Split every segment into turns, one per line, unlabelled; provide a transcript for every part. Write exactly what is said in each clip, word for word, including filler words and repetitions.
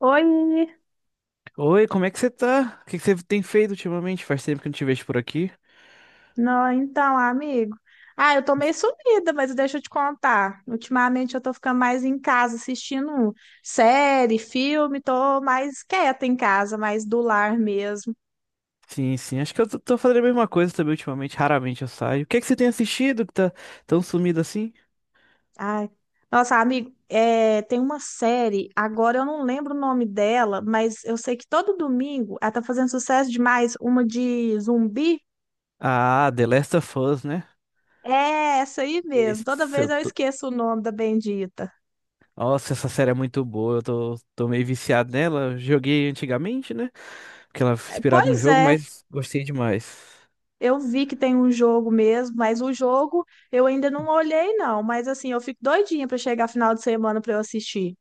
Oi,
Oi, como é que você tá? O que que você tem feito ultimamente? Faz tempo que eu não te vejo por aqui.
não, então, amigo. Ah, eu tô meio sumida, mas deixa eu te contar. Ultimamente eu tô ficando mais em casa assistindo série, filme, tô mais quieta em casa, mais do lar mesmo.
Sim, sim, acho que eu tô tô fazendo a mesma coisa também ultimamente, raramente eu saio. O que é que você tem assistido que tá tão sumido assim?
Ai, nossa, amigo, é, tem uma série, agora eu não lembro o nome dela, mas eu sei que todo domingo ela tá fazendo sucesso demais, uma de zumbi.
Ah, The Last of Us, né?
É essa aí mesmo. Toda
Esse eu
vez eu
tô-
esqueço o nome da bendita.
Nossa, essa série é muito boa, eu tô, tô meio viciado nela. Eu joguei antigamente, né? Porque ela foi
É.
inspirada no
Pois
jogo,
é.
mas gostei demais.
Eu vi que tem um jogo mesmo, mas o jogo eu ainda não olhei, não. Mas assim, eu fico doidinha para chegar final de semana para eu assistir.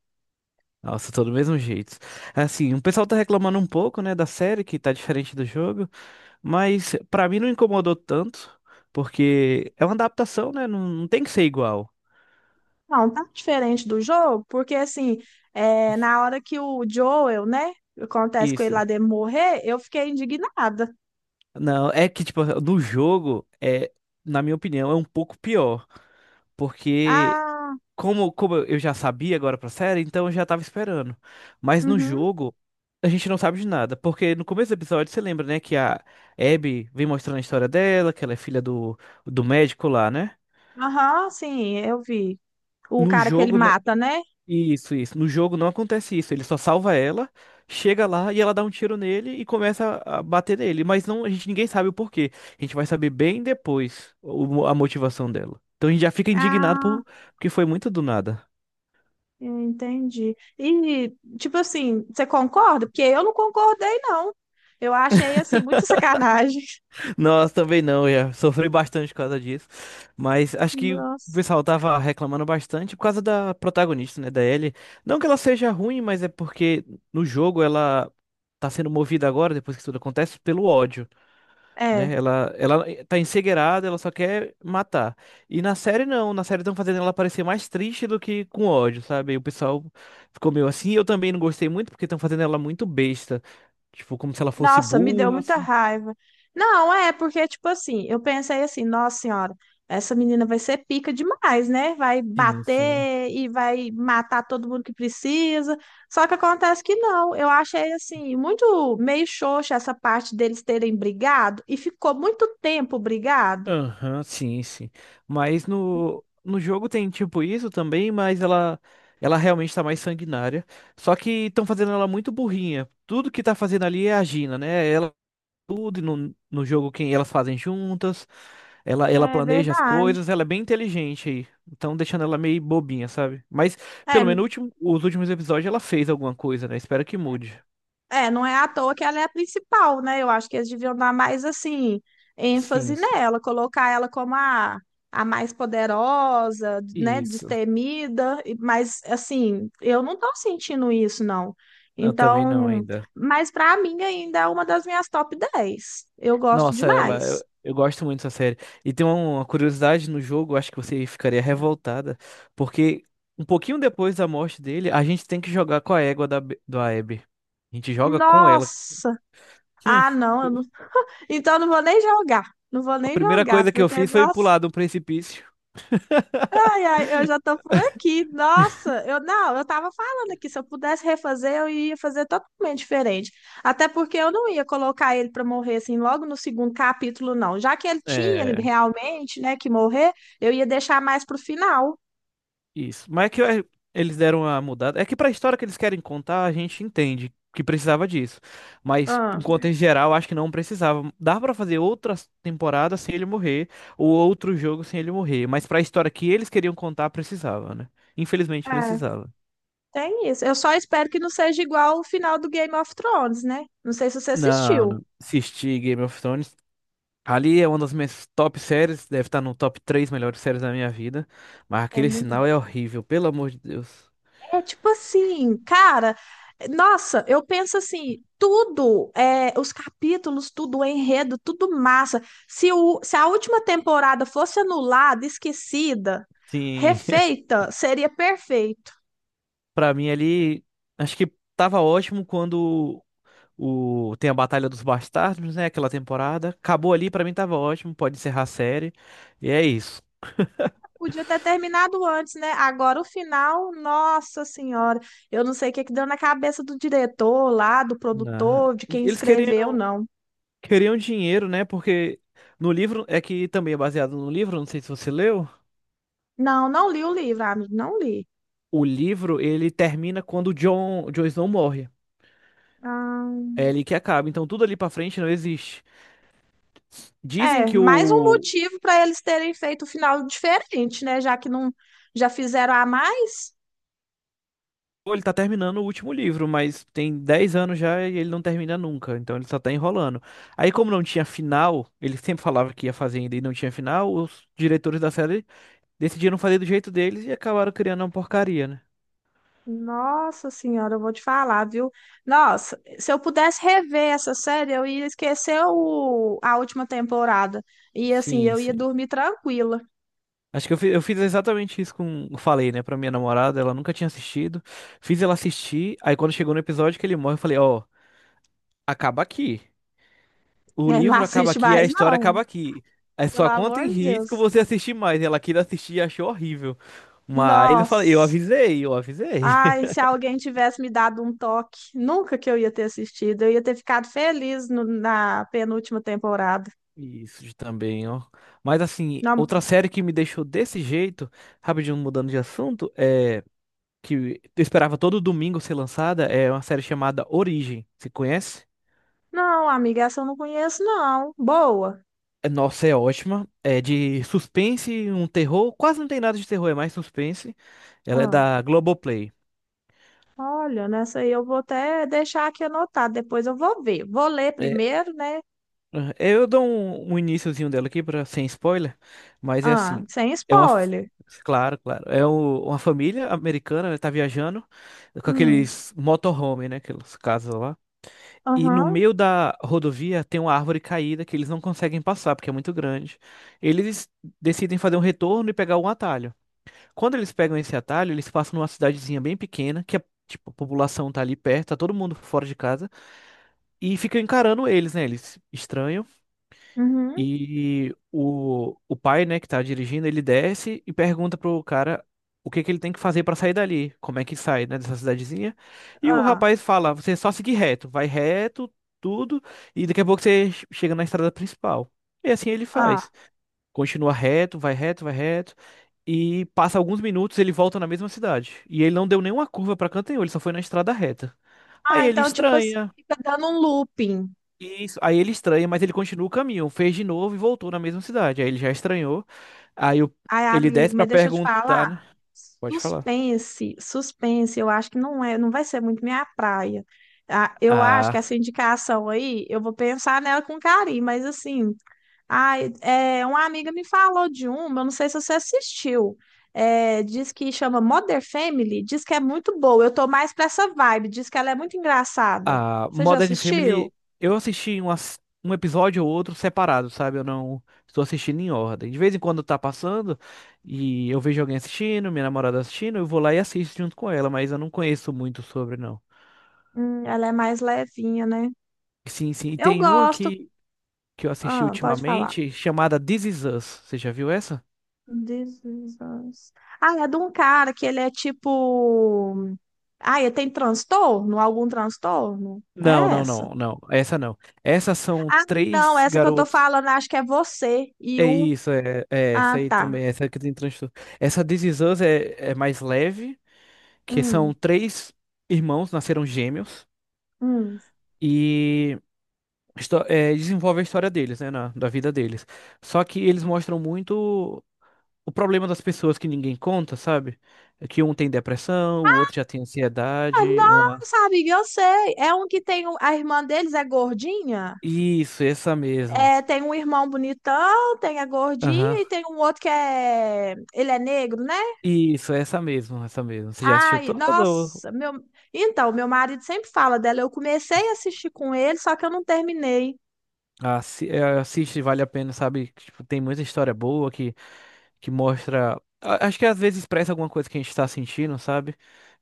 Nossa, tô do mesmo jeito. Assim, o pessoal tá reclamando um pouco, né, da série, que tá diferente do jogo. Mas pra mim não incomodou tanto, porque é uma adaptação, né? Não, não tem que ser igual.
Não, tá diferente do jogo, porque assim, é, na hora que o Joel, né, acontece com ele
Isso.
lá de morrer, eu fiquei indignada.
Não, é que, tipo, no jogo, é, na minha opinião, é um pouco pior. Porque,
Ah,
como, como eu já sabia agora pra série, então eu já tava esperando. Mas no
uhum,
jogo, a gente não sabe de nada. Porque no começo do episódio, você lembra, né? Que a Abby vem mostrando a história dela, que ela é filha do, do médico lá, né?
aham, sim, eu vi. O
No
cara que ele
jogo,
mata, né?
Isso, isso. No jogo não acontece isso. Ele só salva ela, chega lá e ela dá um tiro nele e começa a a bater nele. Mas não, a gente ninguém sabe o porquê. A gente vai saber bem depois o- a motivação dela. Então a gente já fica indignado
Ah,
por, porque foi muito do nada.
eu entendi. E, tipo assim, você concorda? Porque eu não concordei, não. Eu achei, assim, muito sacanagem.
Nós também não, já sofri bastante por causa disso. Mas acho que o
Nossa.
pessoal tava reclamando bastante por causa da protagonista, né, da Ellie. Não que ela seja ruim, mas é porque no jogo ela tá sendo movida agora, depois que tudo acontece, pelo ódio. Né?
É,
Ela, ela tá encegueirada, ela só quer matar. E na série não, na série estão fazendo ela parecer mais triste do que com ódio, sabe? E o pessoal ficou meio assim, eu também não gostei muito porque estão fazendo ela muito besta, tipo como se ela fosse
nossa, me deu
burra.
muita raiva. Não, é porque, tipo assim, eu pensei assim, nossa senhora, essa menina vai ser pica demais, né? Vai
Sim, sim.
bater e vai matar todo mundo que precisa. Só que acontece que não. Eu achei, assim, muito meio xoxa essa parte deles terem brigado e ficou muito tempo brigado.
Aham, sim, sim. Mas no, no jogo tem tipo isso também, mas ela ela realmente tá mais sanguinária. Só que estão fazendo ela muito burrinha. Tudo que tá fazendo ali é a Gina, né? Ela tudo e no, no jogo quem elas fazem juntas. Ela, ela
É
planeja as
verdade.
coisas, ela é bem inteligente aí. Então, deixando ela meio bobinha, sabe? Mas,
É,
pelo menos, no último- os últimos episódios ela fez alguma coisa, né? Espero que mude.
É, não é à toa que ela é a principal, né? Eu acho que eles deviam dar mais, assim, ênfase
Sim, sim.
nela, colocar ela como a, a mais poderosa, né?
Isso.
Destemida, e- mas, assim, eu não tô sentindo isso, não.
Eu também não
Então,
ainda.
mas pra mim ainda é uma das minhas top dez. Eu gosto
Nossa, ela.
demais.
Eu, eu gosto muito dessa série. E tem uma, uma curiosidade no jogo, acho que você ficaria revoltada, porque um pouquinho depois da morte dele, a gente tem que jogar com a égua da, Be- da Abby. A gente joga com ela.
Nossa!
Hum,
Ah, não, eu não... Então eu não vou nem jogar. Não vou
a
nem
primeira
jogar,
coisa que eu
porque,
fiz foi
nossa,
pular do precipício.
ai, ai, eu já tô por aqui. Nossa, eu não, eu tava falando aqui, se eu pudesse refazer, eu ia fazer totalmente diferente. Até porque eu não ia colocar ele pra morrer assim logo no segundo capítulo, não. Já que ele tinha
É.
realmente, né, que morrer, eu ia deixar mais pro final.
Isso. Mas é que é, eles deram a mudada. É que pra história que eles querem contar, a gente entende que precisava disso. Mas, em
Ah,
contexto geral, acho que não precisava. Dá pra fazer outra temporada sem ele morrer, ou outro jogo sem ele morrer. Mas pra história que eles queriam contar, precisava, né? Infelizmente,
é,
precisava.
tem isso. Eu só espero que não seja igual o final do Game of Thrones, né? Não sei se você
Não,
assistiu.
não assisti Game of Thrones. Ali é uma das minhas top séries, deve estar no top três melhores séries da minha vida. Mas
É
aquele
muito
sinal é horrível, pelo amor de Deus.
É tipo assim, cara, nossa, eu penso assim, tudo, é, os capítulos, tudo, o enredo, tudo massa. Se, o, se a última temporada fosse anulada, esquecida,
Sim.
refeita, seria perfeito.
Pra mim ali, acho que tava ótimo quando o tem a Batalha dos Bastardos, né? Aquela temporada. Acabou ali, pra mim tava ótimo, pode encerrar a série. E é isso.
Podia ter terminado antes, né? Agora o final, nossa senhora, eu não sei o que que deu na cabeça do diretor lá, do
Na-
produtor, de quem
Eles
escreveu,
queriam,
não.
queriam dinheiro, né? Porque no livro, é que também é baseado no livro, não sei se você leu.
Não, não li o livro, amigo, não li.
O livro, ele termina quando o Jon, o Jon Snow morre.
Ah.
É ali que acaba. Então tudo ali pra frente não existe. Dizem
É,
que
mais um
o,
motivo para eles terem feito o final diferente, né? Já que não já fizeram a mais.
Pô, ele tá terminando o último livro, mas tem dez anos já e ele não termina nunca, então ele só tá enrolando. Aí, como não tinha final, ele sempre falava que ia fazer ainda e não tinha final, os diretores da série decidiram fazer do jeito deles e acabaram criando uma porcaria, né?
Nossa senhora, eu vou te falar, viu? Nossa, se eu pudesse rever essa série, eu ia esquecer o, a última temporada. E assim,
Sim,
eu ia
sim.
dormir tranquila,
Acho que eu fiz, eu fiz exatamente isso com. Eu falei, né, pra minha namorada, ela nunca tinha assistido. Fiz ela assistir, aí quando chegou no episódio que ele morre, eu falei: Ó, acaba aqui. O
né? Não
livro acaba
assiste
aqui, a
mais,
história
não.
acaba aqui. É
Pelo
sua conta
amor
em
de
risco
Deus.
você assistir mais. Ela queria assistir e achou horrível. Mas eu falei, eu
Nossa.
avisei, eu avisei.
Ai, se alguém tivesse me dado um toque, nunca que eu ia ter assistido. Eu ia ter ficado feliz no- na penúltima temporada.
Isso de também, ó. Mas assim,
Não,
outra série que me deixou desse jeito, rapidinho mudando de assunto, é que eu esperava todo domingo ser lançada, é uma série chamada Origem. Você conhece?
Não, amiga, essa eu não conheço, não. Boa.
É, nossa, é ótima. É de suspense, um terror. Quase não tem nada de terror, é mais suspense. Ela é
Ah,
da Globoplay.
olha, nessa aí eu vou até deixar aqui anotado, depois eu vou ver. Vou ler primeiro, né?
Aham. É, eu dou um, um iniciozinho dela aqui para sem spoiler, mas é assim,
Ah, sem
é uma f-
spoiler.
claro, claro, é o- uma família americana, ela tá viajando com
Hum,
aqueles motorhome, né, aquelas casas lá. E no
aham,
meio da rodovia tem uma árvore caída que eles não conseguem passar porque é muito grande. Eles decidem fazer um retorno e pegar um atalho. Quando eles pegam esse atalho, eles passam numa cidadezinha bem pequena, que a, tipo, a população tá ali perto, tá todo mundo fora de casa e fica encarando eles, né? Eles estranham
uhum,
e o, o pai, né, que tá dirigindo, ele desce e pergunta pro cara o que que ele tem que fazer pra sair dali, como é que sai, né, dessa cidadezinha. E o
ah,
rapaz fala, você é só seguir reto, vai reto, tudo, e daqui a pouco você chega na estrada principal. E assim ele
ah.
faz. Continua reto, vai reto, vai reto, e passa alguns minutos, ele volta na mesma cidade. E ele não deu nenhuma curva pra canto nenhum, ele só foi na estrada reta. Aí
Ah,
ele
então, tipo assim,
estranha,
fica dando um looping.
isso. Aí ele estranha, mas ele continua o caminho. Fez de novo e voltou na mesma cidade. Aí ele já estranhou. Aí o-
Ai,
ele desce
amigo,
pra
mas deixa eu te
perguntar,
falar.
né? Pode falar.
Suspense, suspense, eu acho que não é, não vai ser muito minha praia. Ah, eu acho que
A,
essa indicação aí, eu vou pensar nela com carinho, mas assim. Ai, é, uma amiga me falou de uma, eu não sei se você assistiu. É, diz que chama Mother Family, diz que é muito boa. Eu tô mais pra essa vibe, diz que ela é muito engraçada.
a
Você já
Modern
assistiu?
Family, eu assisti umas- um episódio ou outro separado, sabe? Eu não estou assistindo em ordem. De vez em quando tá passando e eu vejo alguém assistindo, minha namorada assistindo, eu vou lá e assisto junto com ela, mas eu não conheço muito sobre, não.
Hum, ela é mais levinha, né?
Sim, sim. E
Eu
tem uma
gosto.
que, que eu assisti
Ah, pode falar.
ultimamente chamada This Is Us. Você já viu essa?
This is Us. Ah, é de um cara que ele é tipo. Ah, ele tem transtorno? Algum transtorno?
Não,
É
não,
essa.
não, não. Essa não. Essas são
Ah, não,
três
essa que eu tô
garotos.
falando, acho que é você e
É
o.
isso, é, é essa
Ah,
aí
tá.
também, essa que tem transtorno. Essa This Is Us é, é mais leve, que são
Hum.
três irmãos, nasceram gêmeos,
Hum.
e histó- é, desenvolve a história deles, né, na- da vida deles. Só que eles mostram muito o problema das pessoas que ninguém conta, sabe? É que um tem depressão, o outro já tem
Ah,
ansiedade, um...
nossa, amiga, eu sei. É um que tem. um- A irmã deles é gordinha.
Isso, essa mesmo.
É, tem um irmão bonitão, tem a gordinha
Aham.
e tem um outro que é. Ele é negro, né?
Isso, é essa mesmo, essa mesmo. Você já assistiu
Ai,
toda? Ou
nossa, meu. Então, meu marido sempre fala dela. Eu comecei a assistir com ele, só que eu não terminei.
Assi- é, assiste, vale a pena, sabe? Tipo, tem muita história boa que, que mostra. a- Acho que às vezes expressa alguma coisa que a gente tá sentindo, sabe?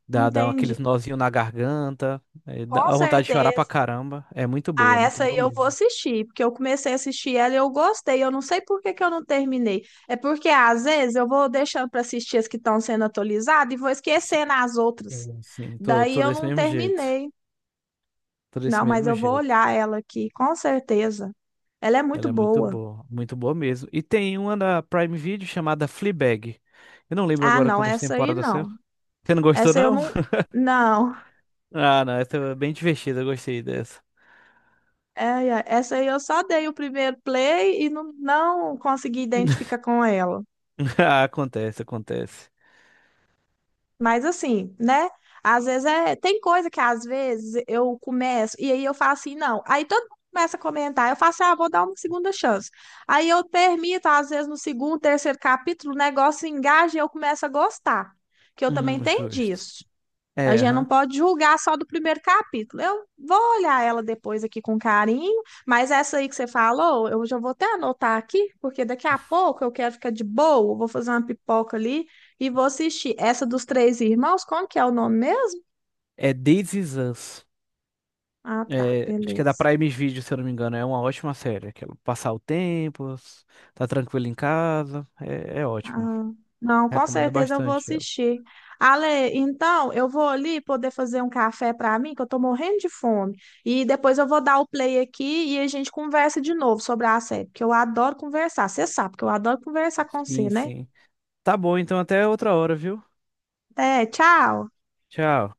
Dá, dá
Entendi.
aqueles nozinho na garganta, é, dá
Com
vontade de chorar pra
certeza.
caramba. É muito boa,
Ah,
muito
essa aí
boa
eu vou
mesmo.
assistir, porque eu comecei a assistir ela e eu gostei. Eu não sei por que que eu não terminei. É porque às vezes eu vou deixando para assistir as que estão sendo atualizadas e vou esquecendo as outras.
Sim, sim, tô,
Daí
tô
eu
desse
não
mesmo jeito.
terminei.
Tô desse
Não, mas
mesmo
eu vou
jeito.
olhar ela aqui, com certeza. Ela é muito
Ela é muito
boa.
boa, muito boa mesmo. E tem uma da Prime Video chamada Fleabag. Eu não lembro
Ah,
agora
não,
quantas
essa aí
temporadas são.
não.
Você não gostou,
Essa eu
não?
não. Não.
Ah, não, essa é bem divertida, eu gostei dessa.
É, é, essa aí eu só dei o primeiro play e não, não consegui identificar com ela.
Ah, acontece, acontece.
Mas assim, né? Às vezes é. Tem coisa que às vezes eu começo e aí eu falo assim, não. Aí todo mundo começa a comentar. Eu faço, ah, vou dar uma segunda chance. Aí eu permito, às vezes, no segundo, terceiro capítulo, o negócio engaja e eu começo a gostar. Que eu também
Hum,
tenho
justo.
disso. A
É,
gente não
aham.
pode julgar só do primeiro capítulo. Eu vou olhar ela depois aqui com carinho, mas essa aí que você falou, eu já vou até anotar aqui, porque daqui a pouco eu quero ficar de boa, vou fazer uma pipoca ali e vou assistir. Essa dos três irmãos, como que é o nome mesmo?
É This Is Us.
Ah, tá,
É, acho que é da
beleza.
Prime Video, se eu não me engano. É uma ótima série. Aquela passar o tempo, s- tá tranquilo em casa. É, é ótima.
Ah, não, com
Recomendo
certeza eu vou
bastante ela.
assistir. Ale, então eu vou ali poder fazer um café para mim, que eu tô morrendo de fome. E depois eu vou dar o play aqui e a gente conversa de novo sobre a série, porque eu adoro conversar. Você sabe que eu adoro conversar com você,
Sim,
né?
sim. Tá bom, então até outra hora, viu?
Até, tchau.
Tchau.